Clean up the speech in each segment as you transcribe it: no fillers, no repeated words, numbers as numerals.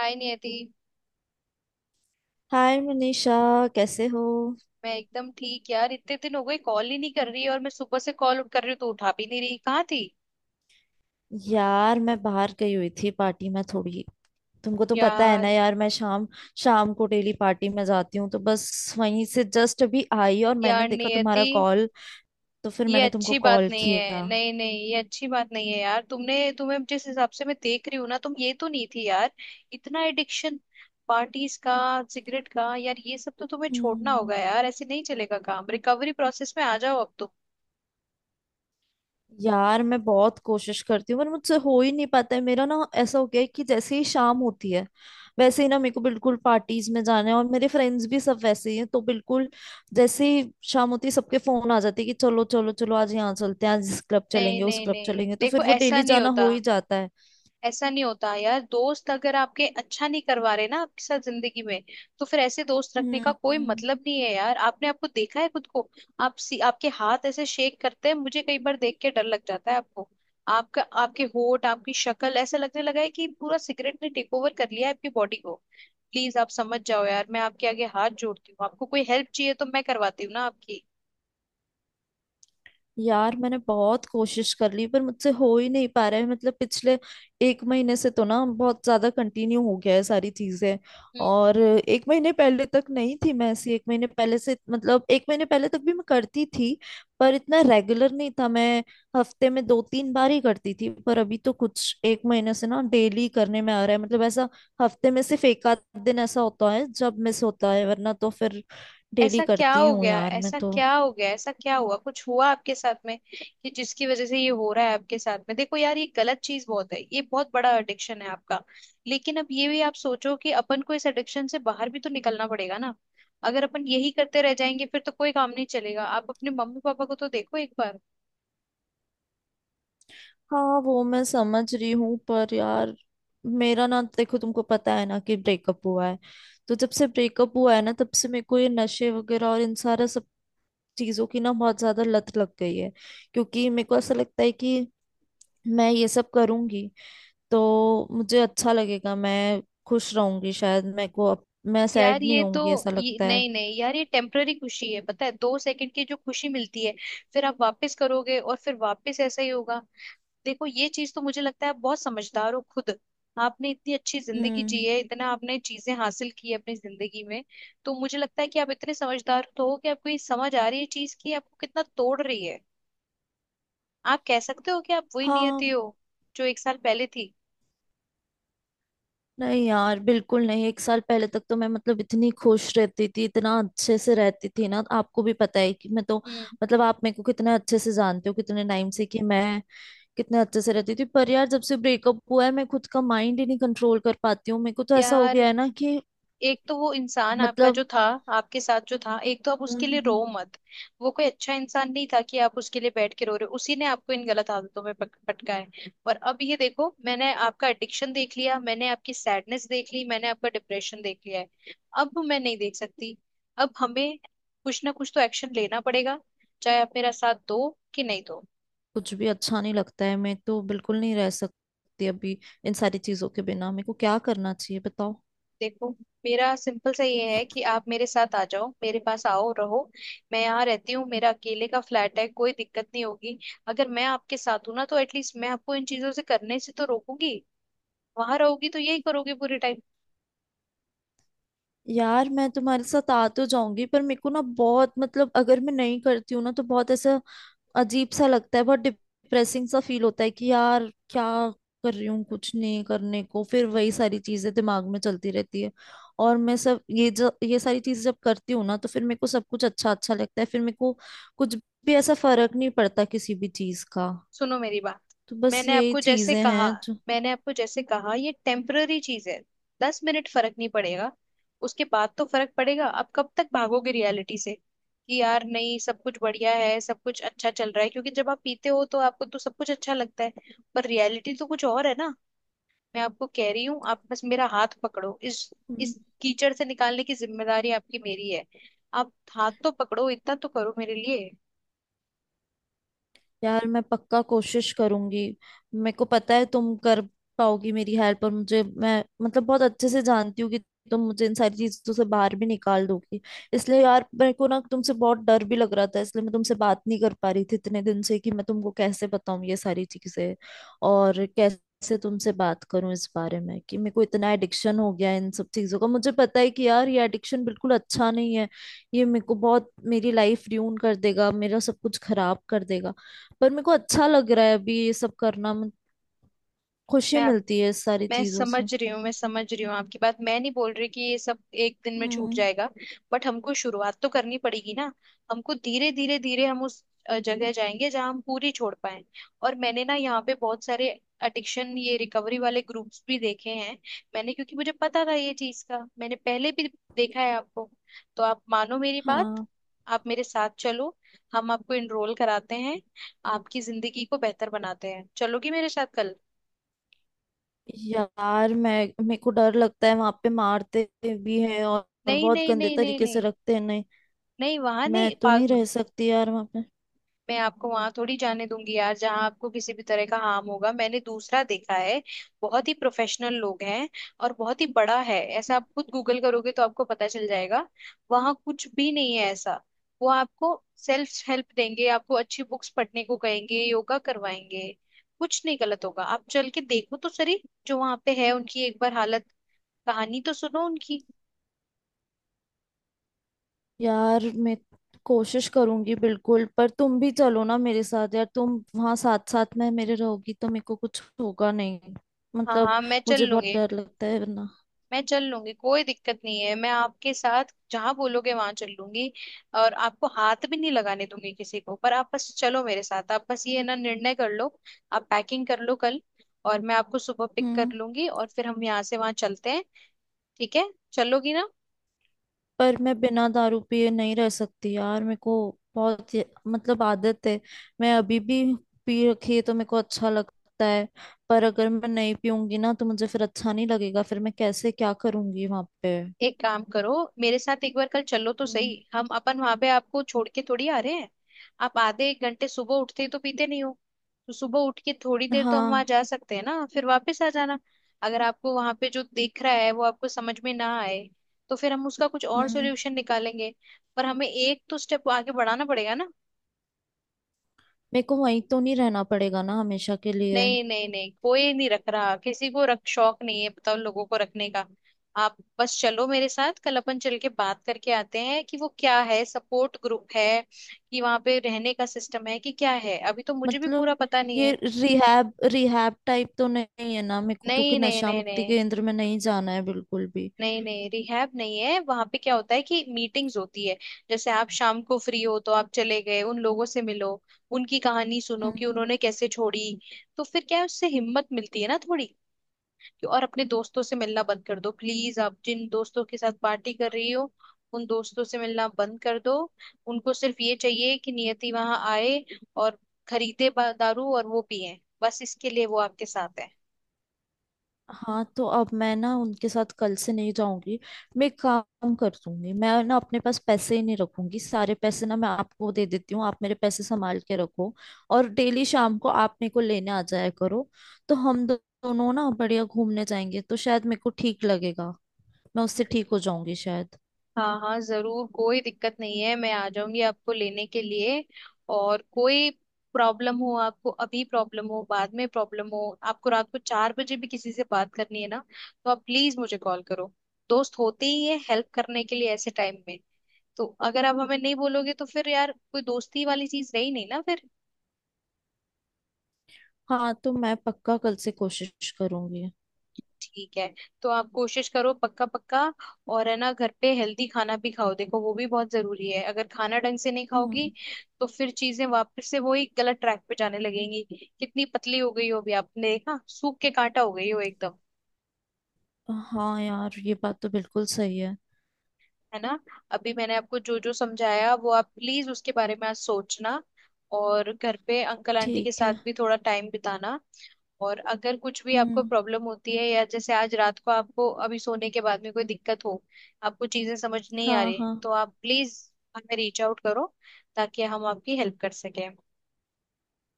हाय Niyati. Hi Manisha. कैसे हो। मैं एकदम ठीक यार, इतने दिन हो गए, कॉल ही नहीं कर रही है और मैं सुबह से कॉल कर रही हूँ तो उठा भी नहीं रही। कहाँ थी यार मैं बाहर गई हुई थी पार्टी में थोड़ी। तुमको तो पता है ना यार? यार मैं शाम शाम को डेली पार्टी में जाती हूँ तो बस वहीं से जस्ट अभी आई और मैंने यार देखा नियति, तुम्हारा कॉल। तो फिर ये मैंने तुमको अच्छी बात कॉल नहीं है। किया। नहीं नहीं, ये अच्छी बात नहीं है यार। तुमने तुम्हें जिस हिसाब से मैं देख रही हूँ ना, तुम ये तो नहीं थी यार। इतना एडिक्शन पार्टीज का, सिगरेट का, यार ये सब तो तुम्हें छोड़ना हम्म। होगा यार। ऐसे नहीं चलेगा काम। रिकवरी प्रोसेस में आ जाओ अब तुम। यार मैं बहुत कोशिश करती हूँ पर मुझसे हो ही नहीं पाता है। मेरा ना ऐसा हो गया है कि जैसे ही शाम होती है वैसे ही ना मेरे को बिल्कुल पार्टीज में जाना है और मेरे फ्रेंड्स भी सब वैसे ही हैं तो बिल्कुल जैसे ही शाम होती है सबके फोन आ जाते हैं कि चलो चलो चलो आज यहाँ चलते हैं आज इस क्लब नहीं चलेंगे उस नहीं क्लब नहीं, चलेंगे तो देखो फिर वो ऐसा डेली नहीं जाना होता। हो ही जाता है। ऐसा नहीं होता यार। दोस्त अगर आपके अच्छा नहीं करवा रहे ना आपके साथ जिंदगी में, तो फिर ऐसे दोस्त रखने का कोई हम्म। मतलब नहीं है यार। आपने आपको देखा है खुद को? आपके हाथ ऐसे शेक करते हैं, मुझे कई बार देख के डर लग जाता है आपको। आपका, आपके होठ, आपकी शक्ल, ऐसा लगने लगा है कि पूरा सिगरेट ने टेक ओवर कर लिया है आपकी बॉडी को। प्लीज आप समझ जाओ यार, मैं आपके आगे हाथ जोड़ती हूँ। आपको कोई हेल्प चाहिए तो मैं करवाती हूँ ना आपकी। यार मैंने बहुत कोशिश कर ली पर मुझसे हो ही नहीं पा रहा है मतलब पिछले एक महीने से तो ना बहुत ज्यादा कंटिन्यू हो गया है सारी चीजें। हम्म। और एक महीने पहले तक नहीं थी मैं ऐसी, एक महीने पहले से मतलब एक महीने पहले तक भी मैं करती थी पर इतना रेगुलर नहीं था। मैं हफ्ते में दो तीन बार ही करती थी पर अभी तो कुछ एक महीने से ना डेली करने में आ रहा है मतलब ऐसा हफ्ते में सिर्फ एक आध दिन ऐसा होता है जब मिस होता है वरना तो फिर डेली ऐसा क्या करती हो हूँ गया? यार मैं ऐसा तो। क्या हो गया? ऐसा क्या हुआ? कुछ हुआ आपके साथ में कि जिसकी वजह से ये हो रहा है आपके साथ में? देखो यार ये गलत चीज बहुत है, ये बहुत बड़ा एडिक्शन है आपका। लेकिन अब ये भी आप सोचो कि अपन को इस एडिक्शन से बाहर भी तो निकलना पड़ेगा ना। अगर अपन यही करते रह जाएंगे फिर तो कोई काम नहीं चलेगा। आप अपने मम्मी पापा को तो देखो एक बार। हाँ वो मैं समझ रही हूँ पर यार मेरा ना देखो तुमको पता है ना कि ब्रेकअप हुआ है। तो जब से ब्रेकअप हुआ है ना तब से मेरे को ये नशे वगैरह और इन सारा सब चीजों की ना बहुत ज्यादा लत लग गई है। क्योंकि मेरे को ऐसा लगता है कि मैं ये सब करूंगी तो मुझे अच्छा लगेगा, मैं खुश रहूंगी शायद, मेरे को अब मैं यार सैड नहीं होंगी ऐसा लगता है। नहीं नहीं यार, ये टेम्पररी खुशी है। पता है, 2 सेकंड की जो खुशी मिलती है, फिर आप वापस करोगे और फिर वापस ऐसा ही होगा। देखो ये चीज तो मुझे लगता है आप बहुत समझदार हो खुद। आपने इतनी अच्छी जिंदगी हम्म। जी है, इतना आपने चीजें हासिल की है अपनी जिंदगी में। तो मुझे लगता है कि आप इतने समझदार तो हो कि आपको ये समझ आ रही है चीज कि आपको कितना तोड़ रही है। आप कह सकते हो कि आप वही हाँ। नियति हो जो 1 साल पहले थी? नहीं यार बिल्कुल नहीं, एक साल पहले तक तो मैं मतलब इतनी खुश रहती थी, इतना अच्छे से रहती थी ना। आपको भी पता है कि मैं तो हम्म। मतलब आप मेरे को कितना अच्छे से जानते हो, कितने टाइम से, कि मैं कितने अच्छे से रहती थी। पर यार जब से ब्रेकअप हुआ है मैं खुद का माइंड ही नहीं कंट्रोल कर पाती हूँ, मेरे को तो ऐसा हो यार गया है ना कि एक तो वो इंसान आपका मतलब। जो था, आपके साथ जो था, एक तो आप उसके लिए रो हम्म। मत। वो कोई अच्छा इंसान नहीं था कि आप उसके लिए बैठ के रो रहे हो। उसी ने आपको इन गलत आदतों में पटका है। और अब ये देखो, मैंने आपका एडिक्शन देख लिया, मैंने आपकी सैडनेस देख ली, मैंने आपका डिप्रेशन देख लिया है। अब मैं नहीं देख सकती। अब हमें कुछ ना कुछ तो एक्शन लेना पड़ेगा, चाहे आप मेरा साथ दो कि नहीं दो। कुछ भी अच्छा नहीं लगता है, मैं तो बिल्कुल नहीं रह सकती अभी इन सारी चीजों के बिना। मेरे को क्या करना चाहिए बताओ। देखो मेरा सिंपल सा ये है कि आप मेरे साथ आ जाओ, मेरे पास आओ, रहो। मैं यहाँ रहती हूँ, मेरा अकेले का फ्लैट है, कोई दिक्कत नहीं होगी। अगर मैं आपके साथ हूँ ना तो एटलीस्ट मैं आपको इन चीजों से करने से तो रोकूंगी। वहां रहोगी तो यही करोगे पूरे टाइम। यार मैं तुम्हारे साथ आ तो जाऊंगी पर मेरे को ना बहुत मतलब अगर मैं नहीं करती हूँ ना तो बहुत ऐसा अजीब सा लगता है, बहुत डिप्रेसिंग सा फील होता है कि यार क्या कर रही हूँ, कुछ नहीं करने को फिर वही सारी चीजें दिमाग में चलती रहती है। और मैं सब ये जो ये सारी चीजें जब करती हूँ ना तो फिर मेरे को सब कुछ अच्छा अच्छा लगता है, फिर मेरे को कुछ भी ऐसा फर्क नहीं पड़ता किसी भी चीज का। सुनो मेरी बात, तो बस मैंने यही आपको जैसे चीजें कहा हैं जो। मैंने आपको जैसे कहा ये टेम्पररी चीज है। 10 मिनट फर्क नहीं पड़ेगा, उसके बाद तो फर्क पड़ेगा। आप कब तक भागोगे रियलिटी से कि यार नहीं सब कुछ बढ़िया है, सब कुछ अच्छा चल रहा है? क्योंकि जब आप पीते हो तो आपको तो सब कुछ अच्छा लगता है, पर रियलिटी तो कुछ और है ना। मैं आपको कह रही हूँ, आप बस मेरा हाथ पकड़ो, इस हम्म। इस कीचड़ से निकालने की जिम्मेदारी आपकी मेरी है। आप हाथ तो पकड़ो, इतना तो करो मेरे लिए। यार मैं पक्का कोशिश करूंगी। मेरे को पता है तुम कर पाओगी मेरी हेल्प, और मुझे, मैं मतलब बहुत अच्छे से जानती हूँ कि तुम मुझे इन सारी चीजों से बाहर भी निकाल दोगी। इसलिए यार मेरे को ना तुमसे बहुत डर भी लग रहा था, इसलिए मैं तुमसे बात नहीं कर पा रही थी इतने दिन से कि मैं तुमको कैसे बताऊं ये सारी चीजें और कैसे तुमसे बात करूं इस बारे में कि मेरे को इतना एडिक्शन हो गया है इन सब चीजों का। मुझे पता है कि यार ये एडिक्शन बिल्कुल अच्छा नहीं है, ये मेरे को बहुत, मेरी लाइफ ड्यून कर देगा, मेरा सब कुछ खराब कर देगा। पर मेरे को अच्छा लग रहा है अभी ये सब करना, मुझे खुशी मैं आप मिलती है इस सारी मैं चीजों समझ से। रही हूँ, मैं समझ रही हूँ आपकी बात। मैं नहीं बोल रही कि ये सब एक दिन में छूट हम्म। जाएगा, बट हमको शुरुआत तो करनी पड़ेगी ना। हमको धीरे धीरे धीरे हम उस जगह जाएंगे जहाँ हम पूरी छोड़ पाए। और मैंने ना यहाँ पे बहुत सारे एडिक्शन ये रिकवरी वाले ग्रुप्स भी देखे हैं मैंने, क्योंकि मुझे पता था ये चीज का, मैंने पहले भी देखा है आपको। तो आप मानो मेरी बात, हाँ। आप मेरे साथ चलो, हम आपको इनरोल कराते हैं, आपकी जिंदगी को बेहतर बनाते हैं। चलोगी मेरे साथ कल? यार मैं मेरे को डर लगता है वहां पे मारते भी हैं और नहीं बहुत नहीं गंदे नहीं नहीं तरीके से नहीं, रखते हैं, नहीं नहीं वहां मैं नहीं, तो पार्क नहीं रह सकती यार वहां पे। मैं आपको वहां थोड़ी जाने दूंगी यार जहां आपको किसी भी तरह का हार्म होगा। मैंने दूसरा देखा है, बहुत ही प्रोफेशनल लोग हैं और बहुत ही बड़ा है ऐसा। आप खुद गूगल करोगे तो आपको पता चल जाएगा। वहां कुछ भी नहीं है ऐसा। वो आपको सेल्फ हेल्प देंगे, आपको अच्छी बुक्स पढ़ने को कहेंगे, योगा करवाएंगे। कुछ नहीं गलत होगा, आप चल के देखो तो सही। जो वहां पे है उनकी एक बार हालत, कहानी तो सुनो उनकी। यार मैं कोशिश करूंगी बिल्कुल पर तुम भी चलो ना मेरे साथ यार, तुम वहां साथ साथ में मेरे रहोगी तो मेरे को कुछ होगा नहीं हाँ मतलब। हाँ मैं चल मुझे बहुत लूंगी, डर लगता है वरना। कोई दिक्कत नहीं है। मैं आपके साथ जहां बोलोगे वहां चल लूंगी। और आपको हाथ भी नहीं लगाने दूंगी किसी को, पर आप बस चलो मेरे साथ, आप बस ये ना निर्णय कर लो। आप पैकिंग कर लो कल और मैं आपको सुबह पिक कर हम्म। लूंगी और फिर हम यहाँ से वहां चलते हैं। ठीक है? चलोगी ना? पर मैं बिना दारू पिए नहीं रह सकती यार, मेरे को बहुत मतलब आदत है। मैं अभी भी पी रखी है तो मेरे को अच्छा लगता है। पर अगर मैं नहीं पीऊंगी ना तो मुझे फिर अच्छा नहीं लगेगा, फिर मैं कैसे क्या करूंगी वहां पे। एक काम करो, मेरे साथ एक बार कल चलो तो सही। हम्म। हम अपन वहां पे आपको छोड़ के थोड़ी आ रहे हैं। आप आधे एक घंटे सुबह उठते ही तो पीते नहीं हो, तो सुबह उठ के थोड़ी देर तो हम वहां हाँ। जा सकते हैं ना, फिर वापस आ जाना। अगर आपको वहां पे जो दिख रहा है वो आपको समझ में ना आए, तो फिर हम उसका कुछ और हम्म। सोल्यूशन निकालेंगे। पर हमें एक तो स्टेप आगे बढ़ाना पड़ेगा ना। मेरे को वहीं तो नहीं रहना पड़ेगा ना हमेशा के लिए। नहीं नहीं नहीं, कोई नहीं रख रहा, किसी को रख शौक नहीं है, बताओ लोगों को रखने का। आप बस चलो मेरे साथ कल, अपन चल के बात करके आते हैं कि वो क्या है, सपोर्ट ग्रुप है कि वहां पे रहने का सिस्टम है कि क्या है, अभी तो मुझे भी मतलब पूरा पता नहीं ये है। रिहैब रिहैब टाइप तो नहीं है ना? मेरे को क्योंकि नहीं नहीं नशा नहीं मुक्ति नहीं केंद्र में नहीं जाना है बिल्कुल भी। नहीं, नहीं रिहैब नहीं है, वहां पे क्या होता है कि मीटिंग्स होती है। जैसे आप शाम को फ्री हो तो आप चले गए, उन लोगों से मिलो, उनकी कहानी सुनो कि हम्म। उन्होंने कैसे छोड़ी। तो फिर क्या है, उससे हिम्मत मिलती है ना थोड़ी। और अपने दोस्तों से मिलना बंद कर दो प्लीज, आप जिन दोस्तों के साथ पार्टी कर रही हो उन दोस्तों से मिलना बंद कर दो। उनको सिर्फ ये चाहिए कि नियति वहां आए और खरीदे दारू और वो पिए, बस इसके लिए वो आपके साथ है। हाँ तो अब मैं ना उनके साथ कल से नहीं जाऊंगी। मैं एक काम कर दूंगी, मैं ना अपने पास पैसे ही नहीं रखूंगी, सारे पैसे ना मैं आपको दे देती हूँ, आप मेरे पैसे संभाल के रखो। और डेली शाम को आप मेरे को लेने आ जाया करो तो हम दोनों ना बढ़िया घूमने जाएंगे तो शायद मेरे को ठीक लगेगा। मैं उससे ठीक हो जाऊंगी शायद। हाँ हाँ जरूर, कोई दिक्कत नहीं है, मैं आ जाऊंगी आपको लेने के लिए। और कोई प्रॉब्लम हो आपको अभी, प्रॉब्लम हो बाद में, प्रॉब्लम हो आपको रात को 4 बजे भी किसी से बात करनी है ना, तो आप प्लीज मुझे कॉल करो। दोस्त होते ही है हेल्प करने के लिए ऐसे टाइम में। तो अगर आप हमें नहीं बोलोगे तो फिर यार कोई दोस्ती वाली चीज रही नहीं ना फिर। हाँ तो मैं पक्का कल से कोशिश करूंगी। ठीक है, तो आप कोशिश करो पक्का पक्का। और है ना, घर पे हेल्दी खाना भी खाओ, देखो वो भी बहुत जरूरी है। अगर खाना ढंग से नहीं खाओगी हम्म। तो फिर चीजें वापस से वही गलत ट्रैक पे जाने लगेंगी। कितनी पतली हो गई हो, अभी आपने देखा, सूख के कांटा हो गई हो एकदम। हाँ यार ये बात तो बिल्कुल सही है। है ना? अभी मैंने आपको जो जो समझाया वो आप प्लीज उसके बारे में आज सोचना। और घर पे अंकल आंटी के ठीक साथ है। भी थोड़ा टाइम बिताना। और अगर कुछ भी आपको हम्म। प्रॉब्लम होती है, या जैसे आज रात को आपको अभी सोने के बाद में कोई दिक्कत हो, आपको चीजें समझ नहीं आ हाँ रही, तो हाँ आप प्लीज हमें रीच आउट करो ताकि हम आपकी हेल्प कर सकें।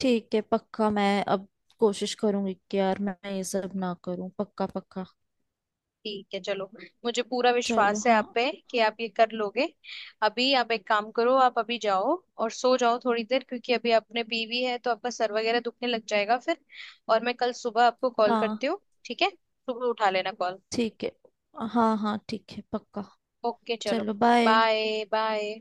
ठीक है पक्का, मैं अब कोशिश करूंगी कि यार मैं ये सब ना करूं, पक्का पक्का। ठीक है चलो, मुझे पूरा चलो विश्वास है हाँ। आप पे कि आप ये कर लोगे। अभी आप एक काम करो, आप अभी जाओ और सो जाओ थोड़ी देर, क्योंकि अभी आपने पी भी है तो आपका सर वगैरह दुखने लग जाएगा फिर। और मैं कल सुबह आपको कॉल हाँ करती हूँ। ठीक है, सुबह उठा लेना कॉल। ठीक है। हाँ हाँ ठीक है पक्का। ओके चलो। चलो बाय। Bye bye.